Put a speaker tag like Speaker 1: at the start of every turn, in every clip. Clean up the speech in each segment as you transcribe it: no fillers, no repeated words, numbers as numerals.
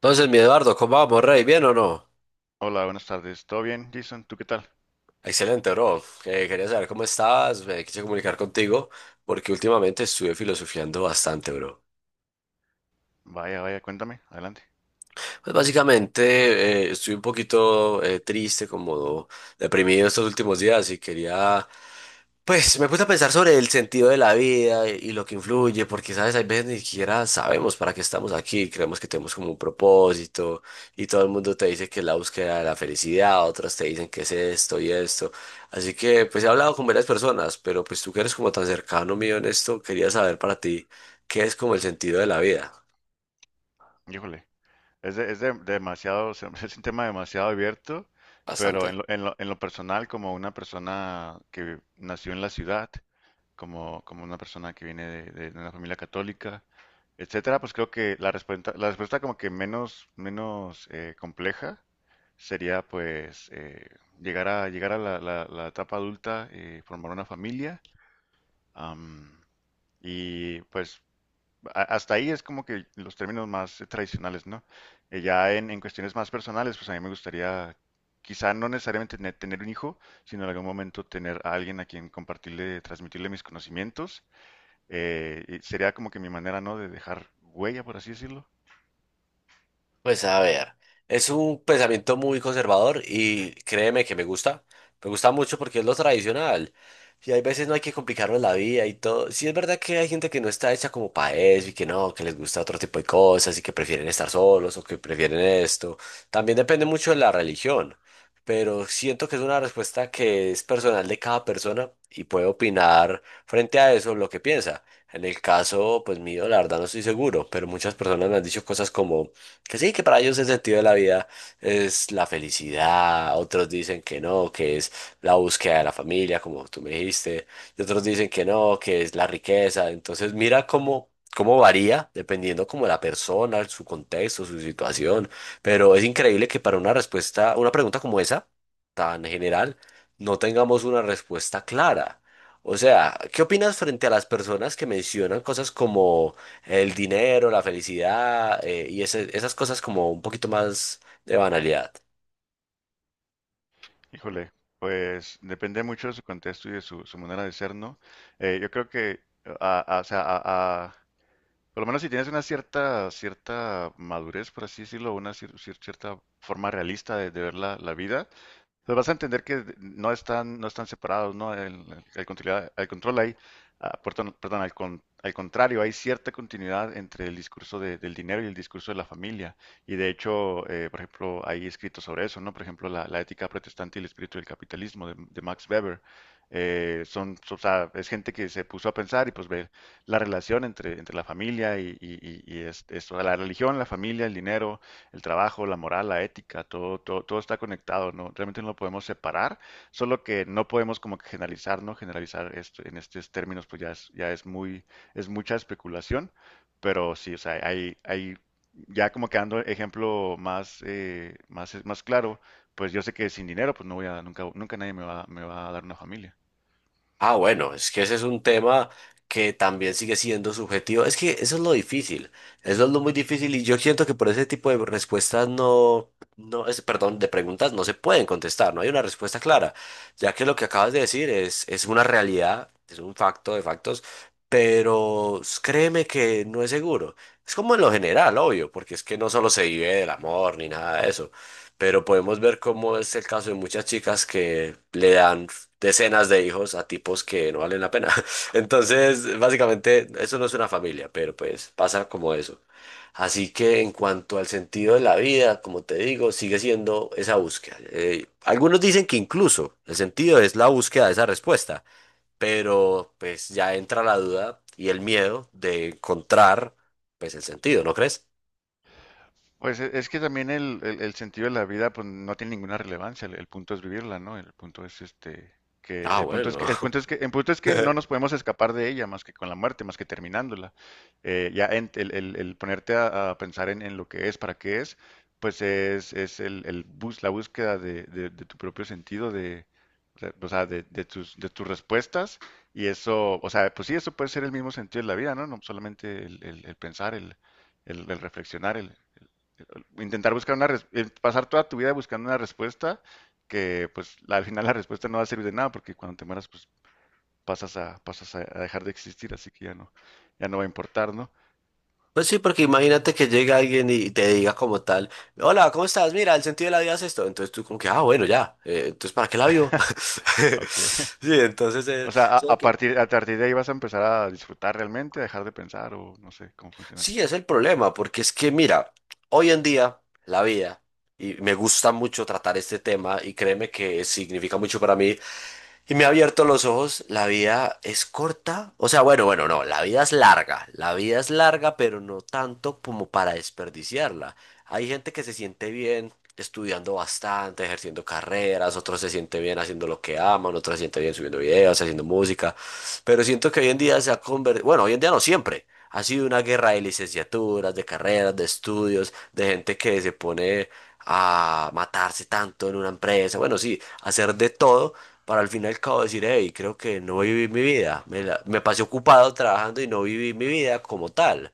Speaker 1: Entonces, mi Eduardo, ¿cómo vamos, Rey? ¿Bien o no?
Speaker 2: Hola, buenas tardes. ¿Todo bien, Jason? ¿Tú qué tal?
Speaker 1: Excelente, bro. Quería saber cómo estás, me quise comunicar contigo porque últimamente estuve filosofiando bastante, bro.
Speaker 2: Vaya, vaya, cuéntame. Adelante.
Speaker 1: Pues básicamente estoy un poquito triste, como deprimido estos últimos días y pues me puse a pensar sobre el sentido de la vida y lo que influye, porque sabes, hay veces ni siquiera sabemos para qué estamos aquí, creemos que tenemos como un propósito y todo el mundo te dice que es la búsqueda de la felicidad, otras te dicen que es esto y esto. Así que pues he hablado con varias personas, pero pues tú que eres como tan cercano mío en esto, quería saber para ti qué es como el sentido de la vida.
Speaker 2: Híjole. Demasiado, o sea, es un tema demasiado abierto, pero
Speaker 1: Bastante.
Speaker 2: en lo personal, como una persona que nació en la ciudad, como una persona que viene de una familia católica, etcétera, pues creo que la respuesta como que menos compleja sería pues llegar a la etapa adulta y formar una familia. Am, y pues hasta ahí es como que los términos más tradicionales, ¿no? Ya en cuestiones más personales, pues a mí me gustaría, quizá no necesariamente tener un hijo, sino en algún momento tener a alguien a quien compartirle, transmitirle mis conocimientos. Y sería como que mi manera, ¿no? De dejar huella, por así decirlo.
Speaker 1: Pues a ver, es un pensamiento muy conservador y créeme que me gusta mucho porque es lo tradicional y hay veces no hay que complicarnos la vida y todo. Sí es verdad que hay gente que no está hecha como para eso y que no, que les gusta otro tipo de cosas y que prefieren estar solos o que prefieren esto. También depende mucho de la religión, pero siento que es una respuesta que es personal de cada persona y puede opinar frente a eso lo que piensa. En el caso, pues mío, la verdad no estoy seguro, pero muchas personas me han dicho cosas como que sí, que para ellos el sentido de la vida es la felicidad, otros dicen que no, que es la búsqueda de la familia, como tú me dijiste, y otros dicen que no, que es la riqueza. Entonces mira cómo, cómo varía dependiendo como la persona, su contexto, su situación. Pero es increíble que para una respuesta, una pregunta como esa, tan general, no tengamos una respuesta clara. O sea, ¿qué opinas frente a las personas que mencionan cosas como el dinero, la felicidad y esas cosas como un poquito más de banalidad?
Speaker 2: Híjole, pues depende mucho de su contexto y de su manera de ser, ¿no? Yo creo que, o sea, por lo menos si tienes una cierta madurez, por así decirlo, una cierta forma realista de ver la vida, pues vas a entender que no están separados, ¿no? El control ahí, ah, perdón, perdón, al contrario, hay cierta continuidad entre el discurso del dinero y el discurso de la familia. Y de hecho, por ejemplo, hay escrito sobre eso, ¿no? Por ejemplo, la ética protestante y el espíritu del capitalismo de Max Weber. O sea, es gente que se puso a pensar y pues ve la relación entre la familia y o sea, la religión, la familia, el dinero, el trabajo, la moral, la ética, todo está conectado, ¿no? Realmente no lo podemos separar, solo que no podemos como que generalizar, ¿no? Generalizar esto en estos términos, pues ya es muy, es mucha especulación, pero sí, o sea, hay ya como que dando ejemplo más, más claro, pues yo sé que sin dinero, pues no voy a, nunca nadie me va a dar una familia.
Speaker 1: Ah, bueno, es que ese es un tema que también sigue siendo subjetivo. Es que eso es lo difícil, eso es lo muy difícil y yo siento que por ese tipo de respuestas no, no es, perdón, de preguntas no se pueden contestar, no hay una respuesta clara, ya que lo que acabas de decir es una realidad, es un facto de factos, pero créeme que no es seguro. Es como en lo general, obvio, porque es que no solo se vive del amor ni nada de eso, pero podemos ver cómo es el caso de muchas chicas que le dan decenas de hijos a tipos que no valen la pena. Entonces, básicamente, eso no es una familia, pero pues pasa como eso. Así que en cuanto al sentido de la vida, como te digo, sigue siendo esa búsqueda. Algunos dicen que incluso el sentido es la búsqueda de esa respuesta, pero pues ya entra la duda y el miedo de encontrar pues el sentido, ¿no crees?
Speaker 2: Pues es que también el sentido de la vida pues no tiene ninguna relevancia, el punto es vivirla, ¿no? El punto es este que
Speaker 1: Ah,
Speaker 2: el punto es
Speaker 1: bueno.
Speaker 2: que el punto es que el punto es que no nos podemos escapar de ella más que con la muerte, más que terminándola. El ponerte a pensar en lo que es, para qué es, pues es la búsqueda de tu propio sentido de, o sea, de tus respuestas y eso, o sea, pues sí, eso puede ser el mismo sentido de la vida, ¿no? No solamente el pensar, el reflexionar, el intentar buscar pasar toda tu vida buscando una respuesta que pues al final la respuesta no va a servir de nada porque cuando te mueras pues pasas a dejar de existir, así que ya no, ya no va a importar, ¿no?
Speaker 1: Pues sí, porque imagínate que llega alguien y te diga como tal, hola, ¿cómo estás? Mira, el sentido de la vida es esto. Entonces tú como que, ah, bueno, ya, entonces ¿para qué la vivo?
Speaker 2: Ok.
Speaker 1: Sí, entonces
Speaker 2: O
Speaker 1: eso
Speaker 2: sea,
Speaker 1: es lo que-
Speaker 2: a partir de ahí vas a empezar a disfrutar realmente, a dejar de pensar o no sé cómo funcionaría.
Speaker 1: sí, es el problema, porque es que mira, hoy en día la vida, y me gusta mucho tratar este tema, y créeme que significa mucho para mí, y me ha abierto los ojos, la vida es corta, o sea, bueno, bueno, no, la vida es larga, la vida es larga, pero no tanto como para desperdiciarla. Hay gente que se siente bien estudiando bastante, ejerciendo carreras, otros se siente bien haciendo lo que aman, otros se siente bien subiendo videos, haciendo música, pero siento que hoy en día se ha convertido, bueno, hoy en día no siempre, ha sido una guerra de licenciaturas, de carreras, de estudios, de gente que se pone a matarse tanto en una empresa, bueno, sí, hacer de todo para al fin y al cabo decir, hey, creo que no viví mi vida, me pasé ocupado trabajando y no viví mi vida como tal.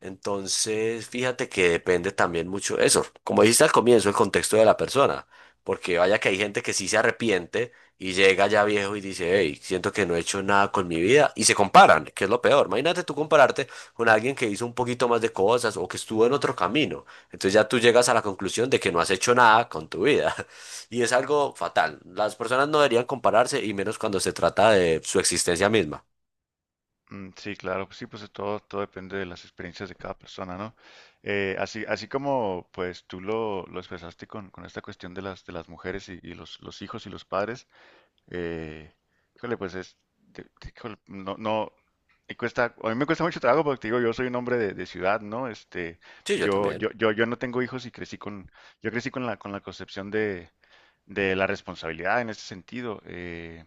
Speaker 1: Entonces, fíjate que depende también mucho eso. Como dijiste al comienzo, el contexto de la persona. Porque vaya que hay gente que sí se arrepiente y llega ya viejo y dice, hey, siento que no he hecho nada con mi vida. Y se comparan, que es lo peor. Imagínate tú compararte con alguien que hizo un poquito más de cosas o que estuvo en otro camino. Entonces ya tú llegas a la conclusión de que no has hecho nada con tu vida. Y es algo fatal. Las personas no deberían compararse y menos cuando se trata de su existencia misma.
Speaker 2: Mm, sí, claro, pues sí, pues todo depende de las experiencias de cada persona, ¿no? Así como pues tú lo expresaste con esta cuestión de de las mujeres y los hijos y los padres. Eh, Híjole, pues es, híjole, no, no, me cuesta, a mí me cuesta mucho trabajo porque te digo, yo soy un hombre de ciudad, ¿no? Este,
Speaker 1: Sí, yo también.
Speaker 2: yo no tengo hijos y crecí con, yo crecí con la concepción de la responsabilidad en ese sentido.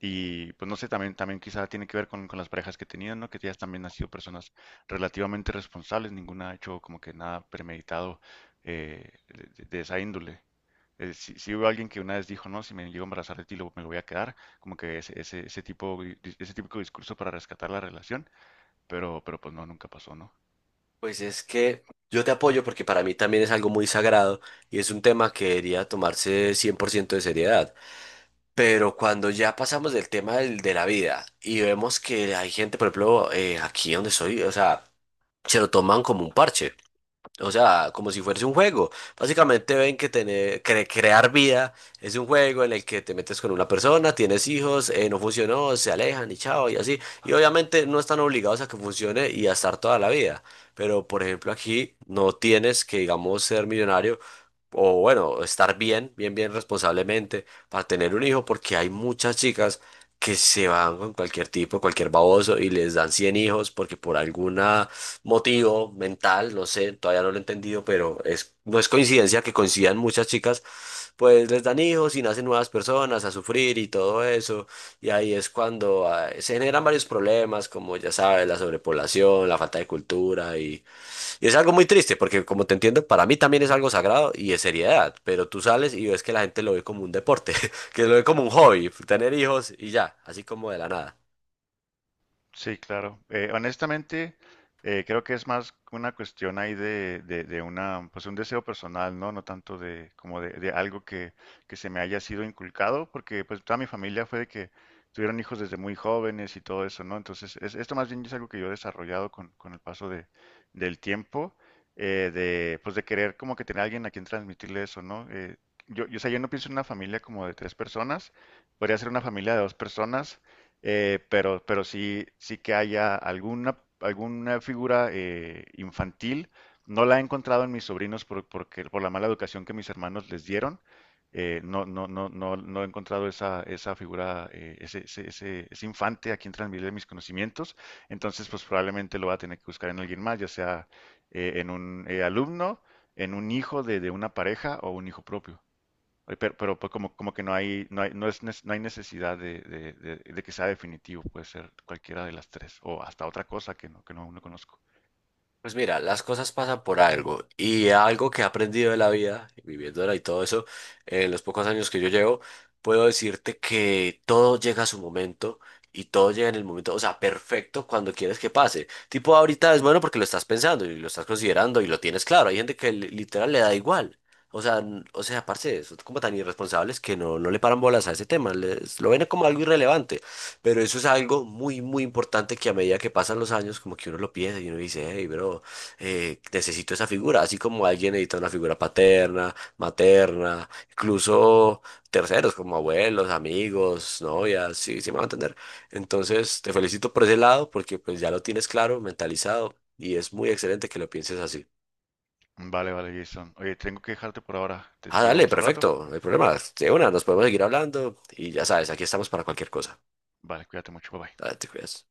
Speaker 2: Y pues no sé, también, también quizá tiene que ver con las parejas que he tenido, ¿no? Que ellas también han sido personas relativamente responsables, ninguna ha hecho como que nada premeditado de esa índole. Sí, sí hubo alguien que una vez dijo, no, si me llego a embarazar de ti, me lo voy a quedar, como que ese tipo, ese típico discurso para rescatar la relación, pero pues no, nunca pasó, ¿no?
Speaker 1: Pues es que yo te apoyo porque para mí también es algo muy sagrado y es un tema que debería tomarse 100% de seriedad. Pero cuando ya pasamos del tema de la vida y vemos que hay gente, por ejemplo, aquí donde soy, o sea, se lo toman como un parche. O sea, como si fuese un juego. Básicamente ven que tener, crear vida es un juego en el que te metes con una persona, tienes hijos, no funcionó, se alejan y chao y así. Y obviamente no están obligados a que funcione y a estar toda la vida. Pero por ejemplo aquí no tienes que, digamos, ser millonario o bueno, estar bien, bien, bien responsablemente para tener un hijo porque hay muchas chicas que se van con cualquier tipo, cualquier baboso y les dan 100 hijos porque por alguna motivo mental, no sé, todavía no lo he entendido, pero es, no es coincidencia que coincidan muchas chicas, pues les dan hijos y nacen nuevas personas a sufrir y todo eso, y ahí es cuando ah, se generan varios problemas, como ya sabes, la sobrepoblación, la falta de cultura, y es algo muy triste, porque como te entiendo, para mí también es algo sagrado y de seriedad, pero tú sales y ves que la gente lo ve como un deporte, que lo ve como un hobby, tener hijos y ya, así como de la nada.
Speaker 2: Sí, claro. Honestamente, creo que es más una cuestión ahí de una, pues un deseo personal, ¿no? No tanto de como de algo que se me haya sido inculcado, porque pues toda mi familia fue de que tuvieron hijos desde muy jóvenes y todo eso, ¿no? Entonces, esto más bien es algo que yo he desarrollado con el paso del tiempo, de, pues de querer como que tener a alguien a quien transmitirle eso, ¿no? O sea, yo no pienso en una familia como de tres personas, podría ser una familia de dos personas, pero sí, sí que haya alguna figura infantil. No la he encontrado en mis sobrinos porque, por la mala educación que mis hermanos les dieron. No he encontrado esa figura, ese infante a quien transmitirle mis conocimientos. Entonces, pues probablemente lo va a tener que buscar en alguien más, ya sea en un alumno, en un hijo de una pareja o un hijo propio. Oye, pero pues como, como que no hay necesidad de, de que sea definitivo, puede ser cualquiera de las tres, o hasta otra cosa que que no, no conozco.
Speaker 1: Pues mira, las cosas pasan por algo y algo que he aprendido de la vida, viviéndola y todo eso, en los pocos años que yo llevo, puedo decirte que todo llega a su momento y todo llega en el momento, o sea, perfecto cuando quieres que pase. Tipo, ahorita es bueno porque lo estás pensando y lo estás considerando y lo tienes claro. Hay gente que literal le da igual. O sea, o sea, parce, son como tan irresponsables que no, no le paran bolas a ese tema, lo ven como algo irrelevante. Pero eso es algo muy, muy importante que a medida que pasan los años, como que uno lo piensa y uno dice, hey, bro, necesito esa figura. Así como alguien necesita una figura paterna, materna, incluso terceros como abuelos, amigos, novias, sí, sí me van a entender. Entonces, te felicito por ese lado porque pues ya lo tienes claro, mentalizado y es muy excelente que lo pienses así.
Speaker 2: Vale, vale, Jason. Oye, tengo que dejarte por ahora. Te
Speaker 1: Ah,
Speaker 2: escribo
Speaker 1: dale,
Speaker 2: más al rato.
Speaker 1: perfecto, no hay problema. De una, nos podemos seguir hablando y ya sabes, aquí estamos para cualquier cosa.
Speaker 2: Vale, cuídate mucho, bye bye.
Speaker 1: Dale, te cuidas.